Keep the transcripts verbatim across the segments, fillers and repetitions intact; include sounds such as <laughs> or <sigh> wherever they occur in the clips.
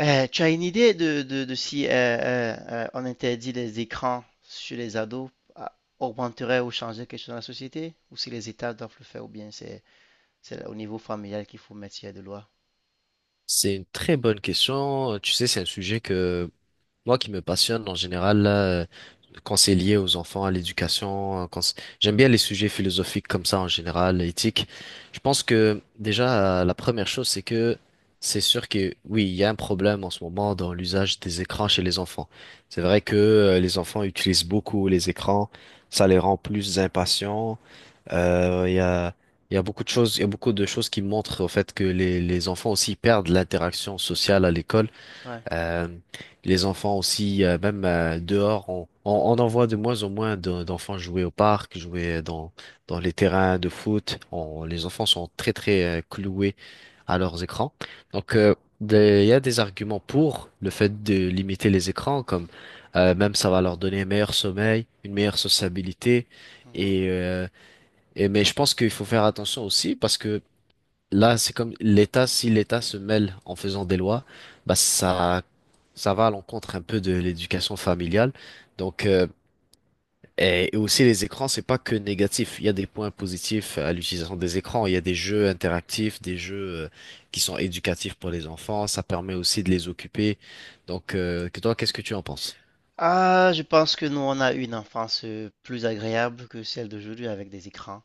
Euh, tu as une idée de, de- de si euh, euh, euh, on interdit les écrans chez les ados, ah, augmenterait ou changerait quelque chose dans la société? Ou si les États doivent le faire, ou bien c'est c'est au niveau familial qu'il faut mettre s'il y a de loi? C'est une très bonne question. Euh, Tu sais, c'est un sujet que moi qui me passionne en général, là, euh, quand c'est lié aux enfants, à l'éducation, euh, quand c'est- j'aime bien les sujets philosophiques comme ça en général, éthique. Je pense que déjà, euh, la première chose, c'est que c'est sûr que oui, il y a un problème en ce moment dans l'usage des écrans chez les enfants. C'est vrai que euh, les enfants utilisent beaucoup les écrans, ça les rend plus impatients. Euh, Il y a, il y a beaucoup de choses, il y a beaucoup de choses qui montrent au fait que les, les enfants aussi perdent l'interaction sociale à l'école. Ouais. Euh, les enfants aussi, euh, même euh, dehors, on, on, on en voit de moins en moins de- d'enfants jouer au parc, jouer dans, dans les terrains de foot. On- les enfants sont très très euh, cloués à leurs écrans. Donc, euh, des- il y a des arguments pour le fait de limiter les écrans, comme euh, même ça va leur donner un meilleur sommeil, une meilleure sociabilité. Mhm. Et euh, et mais je pense qu'il faut faire attention aussi parce que là, c'est comme l'État, si l'État se mêle en faisant des lois, bah ça, ça va à l'encontre un peu de l'éducation familiale. Donc, euh, et, et aussi les écrans, c'est pas que négatif. Il y a des points positifs à l'utilisation des écrans. Il y a des jeux interactifs, des jeux euh, qui sont éducatifs pour les enfants. Ça permet aussi de les occuper. Donc, euh, que toi, qu'est-ce que tu en penses? Ah, je pense que nous, on a eu une enfance euh, plus agréable que celle d'aujourd'hui avec des écrans.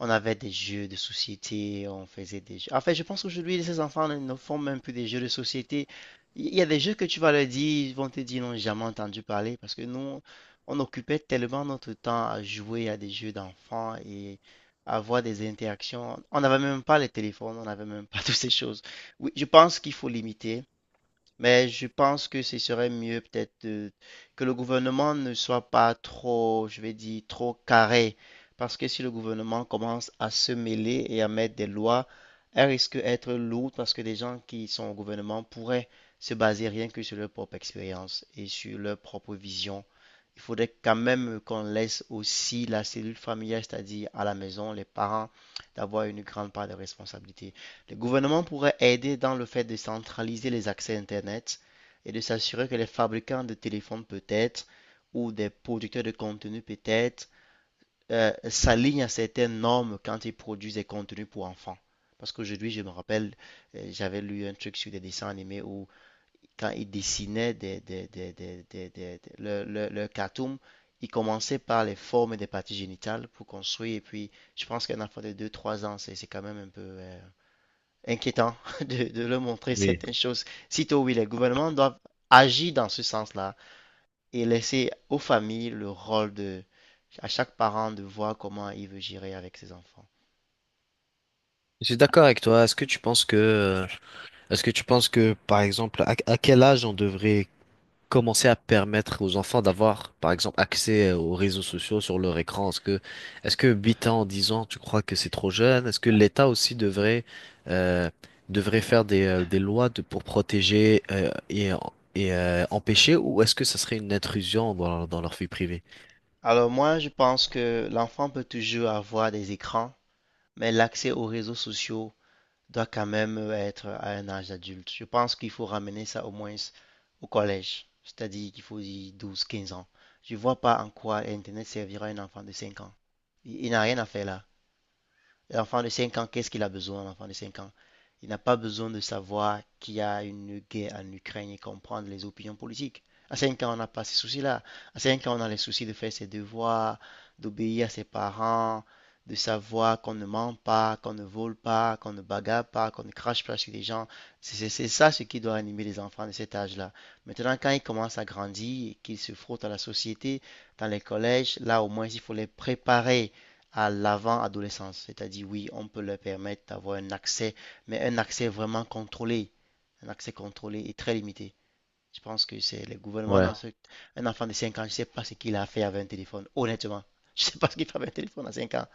On avait des jeux de société, on faisait des jeux. En fait, je pense qu'aujourd'hui, ces enfants ne ne font même plus des jeux de société. Il y a des jeux que tu vas leur dire, ils vont te dire, ils n'ont jamais entendu parler parce que nous, on occupait tellement notre temps à jouer à des jeux d'enfants et à avoir des interactions. On n'avait même pas les téléphones, on n'avait même pas <laughs> toutes ces choses. Oui, je pense qu'il faut limiter. Mais je pense que ce serait mieux peut-être de- Que le gouvernement ne soit pas trop, je vais dire, trop carré. Parce que si le gouvernement commence à se mêler et à mettre des lois, elles risquent d'être lourdes parce que des gens qui sont au gouvernement pourraient se baser rien que sur leur propre expérience et sur leur propre vision. Il faudrait quand même qu'on laisse aussi la cellule familiale, c'est-à-dire à la maison, les parents, d'avoir une grande part de responsabilité. Le gouvernement pourrait aider dans le fait de centraliser les accès Internet et de s'assurer que les fabricants de téléphones peut-être ou des producteurs de contenu peut-être euh, s'alignent à certaines normes quand ils produisent des contenus pour enfants. Parce qu'aujourd'hui, je me rappelle, euh, j'avais lu un truc sur des dessins animés où quand ils dessinaient des, des, des, des- des- des- des- le, le, le cartoon, ils commençaient par les formes des parties génitales pour construire. Et puis, je pense qu'un enfant de deux-trois ans, c'est c'est quand même un peu... euh, inquiétant <laughs> de, de leur montrer Oui, certaines choses. Sitôt, oui, les gouvernements doivent agir dans ce sens-là et laisser aux familles le rôle de, à chaque parent de voir comment il veut gérer avec ses enfants. je suis d'accord avec toi. Est-ce que tu penses que, euh, est-ce que tu penses que, par exemple, à, à quel âge on devrait commencer à permettre aux enfants d'avoir, par exemple, accès euh, aux réseaux sociaux sur leur écran? Est-ce que, est-ce que huit ans, dix ans, tu crois que c'est trop jeune? Est-ce que l'État aussi devrait, euh, devrait faire des, euh, des lois de- pour protéger, euh, et, et, euh, empêcher, ou est-ce que ça serait une intrusion dans, leur- dans leur vie privée? Alors moi, je pense que l'enfant peut toujours avoir des écrans, mais l'accès aux réseaux sociaux doit quand même être à un âge adulte. Je pense qu'il faut ramener ça au moins au collège, c'est-à-dire qu'il faut y douze quinze ans. Je ne vois pas en quoi Internet servira à un enfant de cinq ans. Il, il n'a rien à faire là. L'enfant de cinq ans, qu'est-ce qu'il a besoin, l'enfant de cinq ans? Il n'a pas besoin de savoir qu'il y a une guerre en Ukraine et comprendre les opinions politiques. À cinq ans, on n'a pas ces soucis-là. À cinq ans, on a les soucis de faire ses devoirs, d'obéir à ses parents, de savoir qu'on ne ment pas, qu'on ne vole pas, qu'on ne bagarre pas, qu'on ne crache pas sur les gens. C'est c'est ça ce qui doit animer les enfants de cet âge-là. Maintenant, quand ils commencent à grandir, et qu'ils se frottent à la société, dans les collèges, là au moins, il faut les préparer à l'avant-adolescence. C'est-à-dire, oui, on peut leur permettre d'avoir un accès, mais un accès vraiment contrôlé, un accès contrôlé et très limité. Je pense que c'est le gouvernement Ouais. dans ce... Un enfant de cinq ans, je ne sais pas ce qu'il a fait avec un téléphone, honnêtement. <laughs> Je ne sais pas ce qu'il fait avec un téléphone à cinq ans.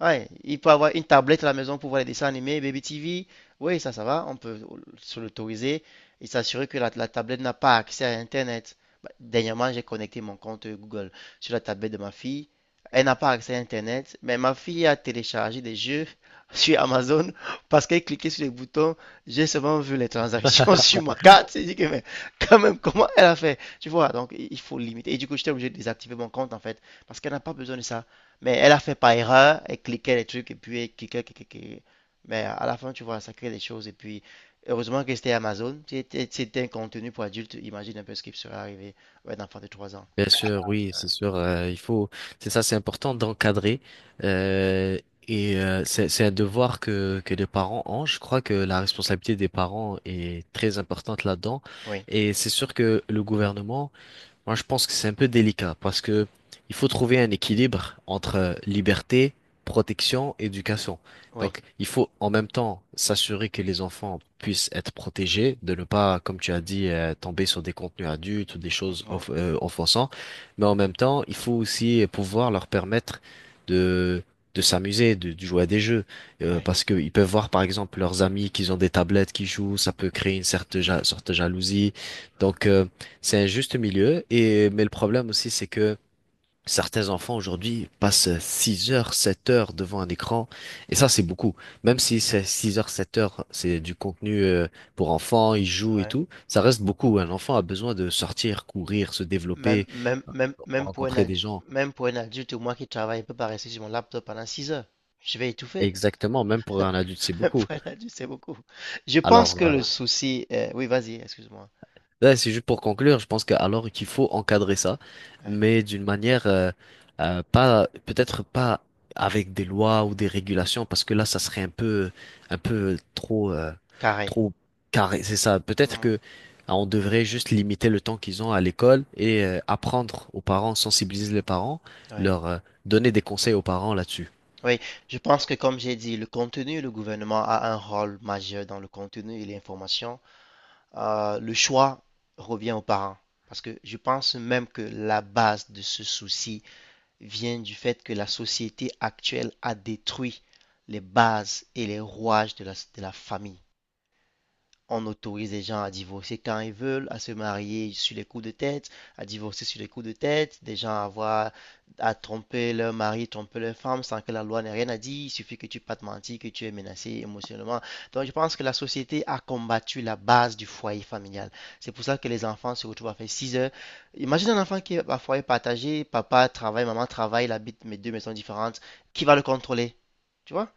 Ouais, il peut avoir une tablette à la maison pour voir les dessins animés, Baby T V. Oui, ça, ça va. On peut se l'autoriser et s'assurer que la, la tablette n'a pas accès à Internet. Bah, dernièrement, j'ai connecté mon compte Google sur la tablette de ma fille. Elle n'a pas accès à Internet, mais ma fille a téléchargé des jeux <laughs> sur Amazon parce qu'elle cliquait sur les boutons. J'ai seulement vu les transactions <laughs> sur ma carte. J'ai dit que, mais quand même, comment elle a fait? Tu vois, donc il faut limiter. Et du coup, j'étais obligé de désactiver mon compte en fait parce qu'elle n'a pas besoin de ça. Mais elle a fait par erreur, elle cliquait les trucs et puis elle cliquait, cliquait, cliquait. Mais à la fin, tu vois, ça crée des choses. Et puis, heureusement que c'était Amazon. Si C'était si c'était un contenu pour adultes. Imagine un peu ce qui serait arrivé à un enfant de trois ans. Bien sûr, oui, c'est sûr. euh, il faut, c'est ça, c'est important d'encadrer. euh, et euh, c'est c'est un devoir que que les parents ont. Je crois que la responsabilité des parents est très importante là-dedans. Oui, Et c'est sûr que le gouvernement moi, je pense que c'est un peu délicat parce que il faut trouver un équilibre entre euh, liberté, protection, éducation. oui. Donc, il faut en même temps s'assurer que les enfants puissent être protégés, de ne pas, comme tu as dit, euh, tomber sur des contenus adultes ou des choses Mhm, off- euh, offensantes. Mais en même temps, il faut aussi pouvoir leur permettre de de s'amuser, de, de jouer à des jeux, Euh, ouais, parce qu'ils peuvent voir, par exemple, leurs amis qui ont des tablettes qui jouent, ça peut créer une certaine ja- sorte de jalousie. Donc, euh, c'est un juste milieu et mais le problème aussi c'est que certains enfants aujourd'hui passent six heures, sept heures devant un écran et ça c'est beaucoup. Même si c'est six heures, sept heures, c'est du contenu euh, pour enfants, ils jouent et ouais. tout, ça reste beaucoup. Un enfant a besoin de sortir, courir, se Même, développer, même, même, même pour un rencontrer des adulte, gens. même pour un adulte, moi qui travaille, je peux pas rester sur mon laptop pendant six heures. Je vais étouffer. Exactement, même pour un adulte c'est <laughs> Pour beaucoup. un adulte, c'est beaucoup. Je pense Alors que euh, le souci. Euh, oui, vas-y, excuse-moi. Ouais, c'est juste pour conclure, je pense que alors qu'il faut encadrer ça, Ouais, mais d'une manière euh, euh, pas peut-être pas avec des lois ou des régulations parce que là ça serait un peu un peu trop euh, carré. trop carré, c'est ça. Peut-être Mhm, que ah, on devrait juste limiter le temps qu'ils ont à l'école et euh, apprendre aux parents, sensibiliser les parents, ouais. leur euh, donner des conseils aux parents là-dessus. Oui, je pense que comme j'ai dit, le contenu, le gouvernement a un rôle majeur dans le contenu et l'information. Euh, le choix revient aux parents. Parce que je pense même que la base de ce souci vient du fait que la société actuelle a détruit les bases et les rouages de la, de la famille. On autorise les gens à divorcer quand ils veulent, à se marier sur les coups de tête, à divorcer sur les coups de tête, des gens à avoir, à tromper leur mari, tromper leur femme sans que la loi n'ait rien à dire. Il suffit que tu pas te mentir, que tu es menacé émotionnellement. Donc, je pense que la société a combattu la base du foyer familial. C'est pour ça que les enfants se retrouvent à faire six heures. Imagine un enfant qui est à foyer partagé, papa travaille, maman travaille, il habite mes deux maisons différentes. Qui va le contrôler? Tu vois?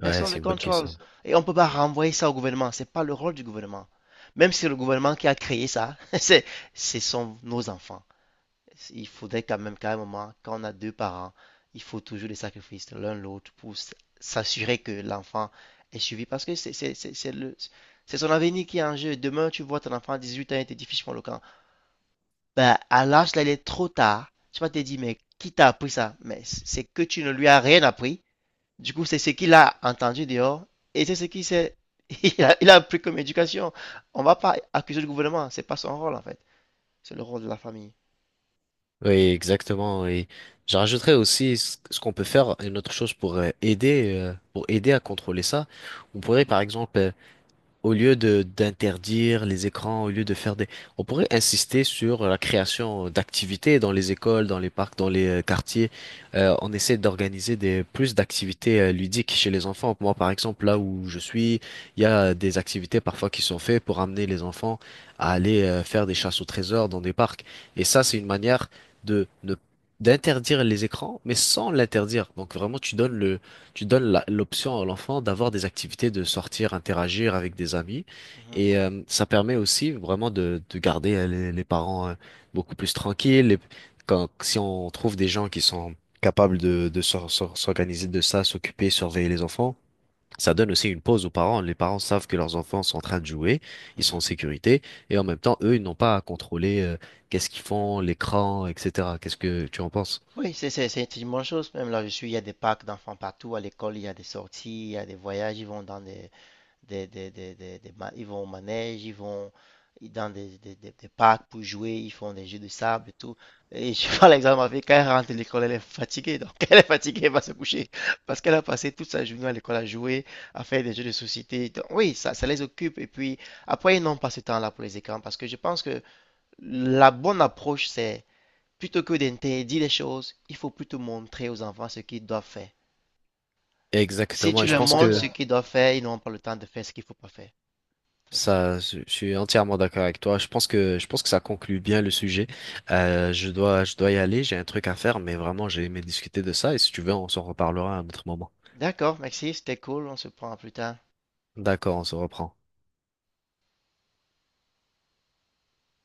Ouais, Personne. Ouais, ne c'est le une bonne contrôle. question. Et on ne peut pas renvoyer ça au gouvernement. C'est pas le rôle du gouvernement. Même si le gouvernement qui a créé ça, <laughs> c'est, ce sont nos enfants. Il faudrait quand même, carrément, quand on a deux parents, il faut toujours des sacrifices l'un l'autre pour s'assurer que l'enfant est suivi. Parce que c'est c'est- c'est- le, c'est son avenir qui est en jeu. Demain, tu vois ton enfant à dix-huit ans et te dit, fiche-moi le camp. Ben, à l'âge là, il est trop tard. Tu vas te dire, mais qui t'a appris ça? Mais c'est que tu ne lui as rien appris du coup, c'est ce qu'il a entendu dehors et c'est ce qu'il s'est- <laughs> il a, il a pris comme éducation. On ne va pas accuser le gouvernement, c'est pas son rôle en fait, c'est le rôle de la famille. Oui, exactement. Et je rajouterais aussi ce ce qu'on peut faire, une autre chose pour euh, aider, euh, pour aider à contrôler ça. On pourrait, par exemple, euh, au lieu de d'interdire les écrans, au lieu de faire des... On pourrait insister sur la création d'activités dans les écoles, dans les parcs, dans les euh, quartiers. Euh, on essaie d'organiser des plus d'activités euh, ludiques chez les enfants. Moi, par exemple, là où je suis, il y a des activités parfois qui sont faites pour amener les enfants à aller euh, faire des chasses au trésor dans des parcs. Et ça, c'est une manière de ne d'interdire les écrans, mais sans l'interdire. Donc vraiment, tu donnes le tu donnes la- l'option à l'enfant d'avoir des activités, de sortir, interagir avec des amis. Mhm, Et euh, ça permet aussi vraiment de, de garder euh, les, les parents euh, beaucoup plus tranquilles. Et quand, si on trouve des gens qui sont capables de, de s'or- s'or- s'organiser de ça, s'occuper, surveiller les enfants, ça donne aussi une pause aux parents. Les parents savent que leurs enfants sont en train de jouer, ils sont mhm. en sécurité. Et en même temps, eux, ils n'ont pas à contrôler euh, qu'est-ce qu'ils font, l'écran, et cétéra. Qu'est-ce que tu en penses? Oui, c'est c'est- c'est une bonne chose. Même là, je suis, il y a des parcs d'enfants partout à l'école, il y a des sorties, il y a des voyages, ils vont dans des des, des, des- des- des ma- ils vont au manège, ils vont dans des, des- des- des parcs pour jouer, ils font des jeux de sable et tout. Et je <laughs> prends l'exemple avec quand elle rentre de l'école, elle est fatiguée. Donc, <laughs> elle est fatiguée, elle va se coucher. Parce qu'elle a passé toute sa journée à l'école à jouer, à faire des jeux de société. Donc, oui, ça, ça les occupe. Et puis, après, ils n'ont pas ce temps-là pour les écrans. Parce que je pense que la bonne approche, c'est plutôt que d'interdire les choses, il faut plutôt montrer aux enfants ce qu'ils doivent faire. Si Exactement. tu Et je leur pense montres ce que... qu'ils doivent faire, ils n'auront pas le temps de faire ce qu'il ne faut pas faire. Très simple. Ça, je je suis entièrement d'accord avec toi. Je pense que je pense que ça conclut bien le sujet. Euh, je dois je dois y aller. J'ai un truc à faire, mais vraiment j'ai aimé discuter de ça. Et si tu veux, on s'en reparlera à un autre moment. D'accord, Maxi, c'était cool. On se prend plus tard. D'accord, on se reprend.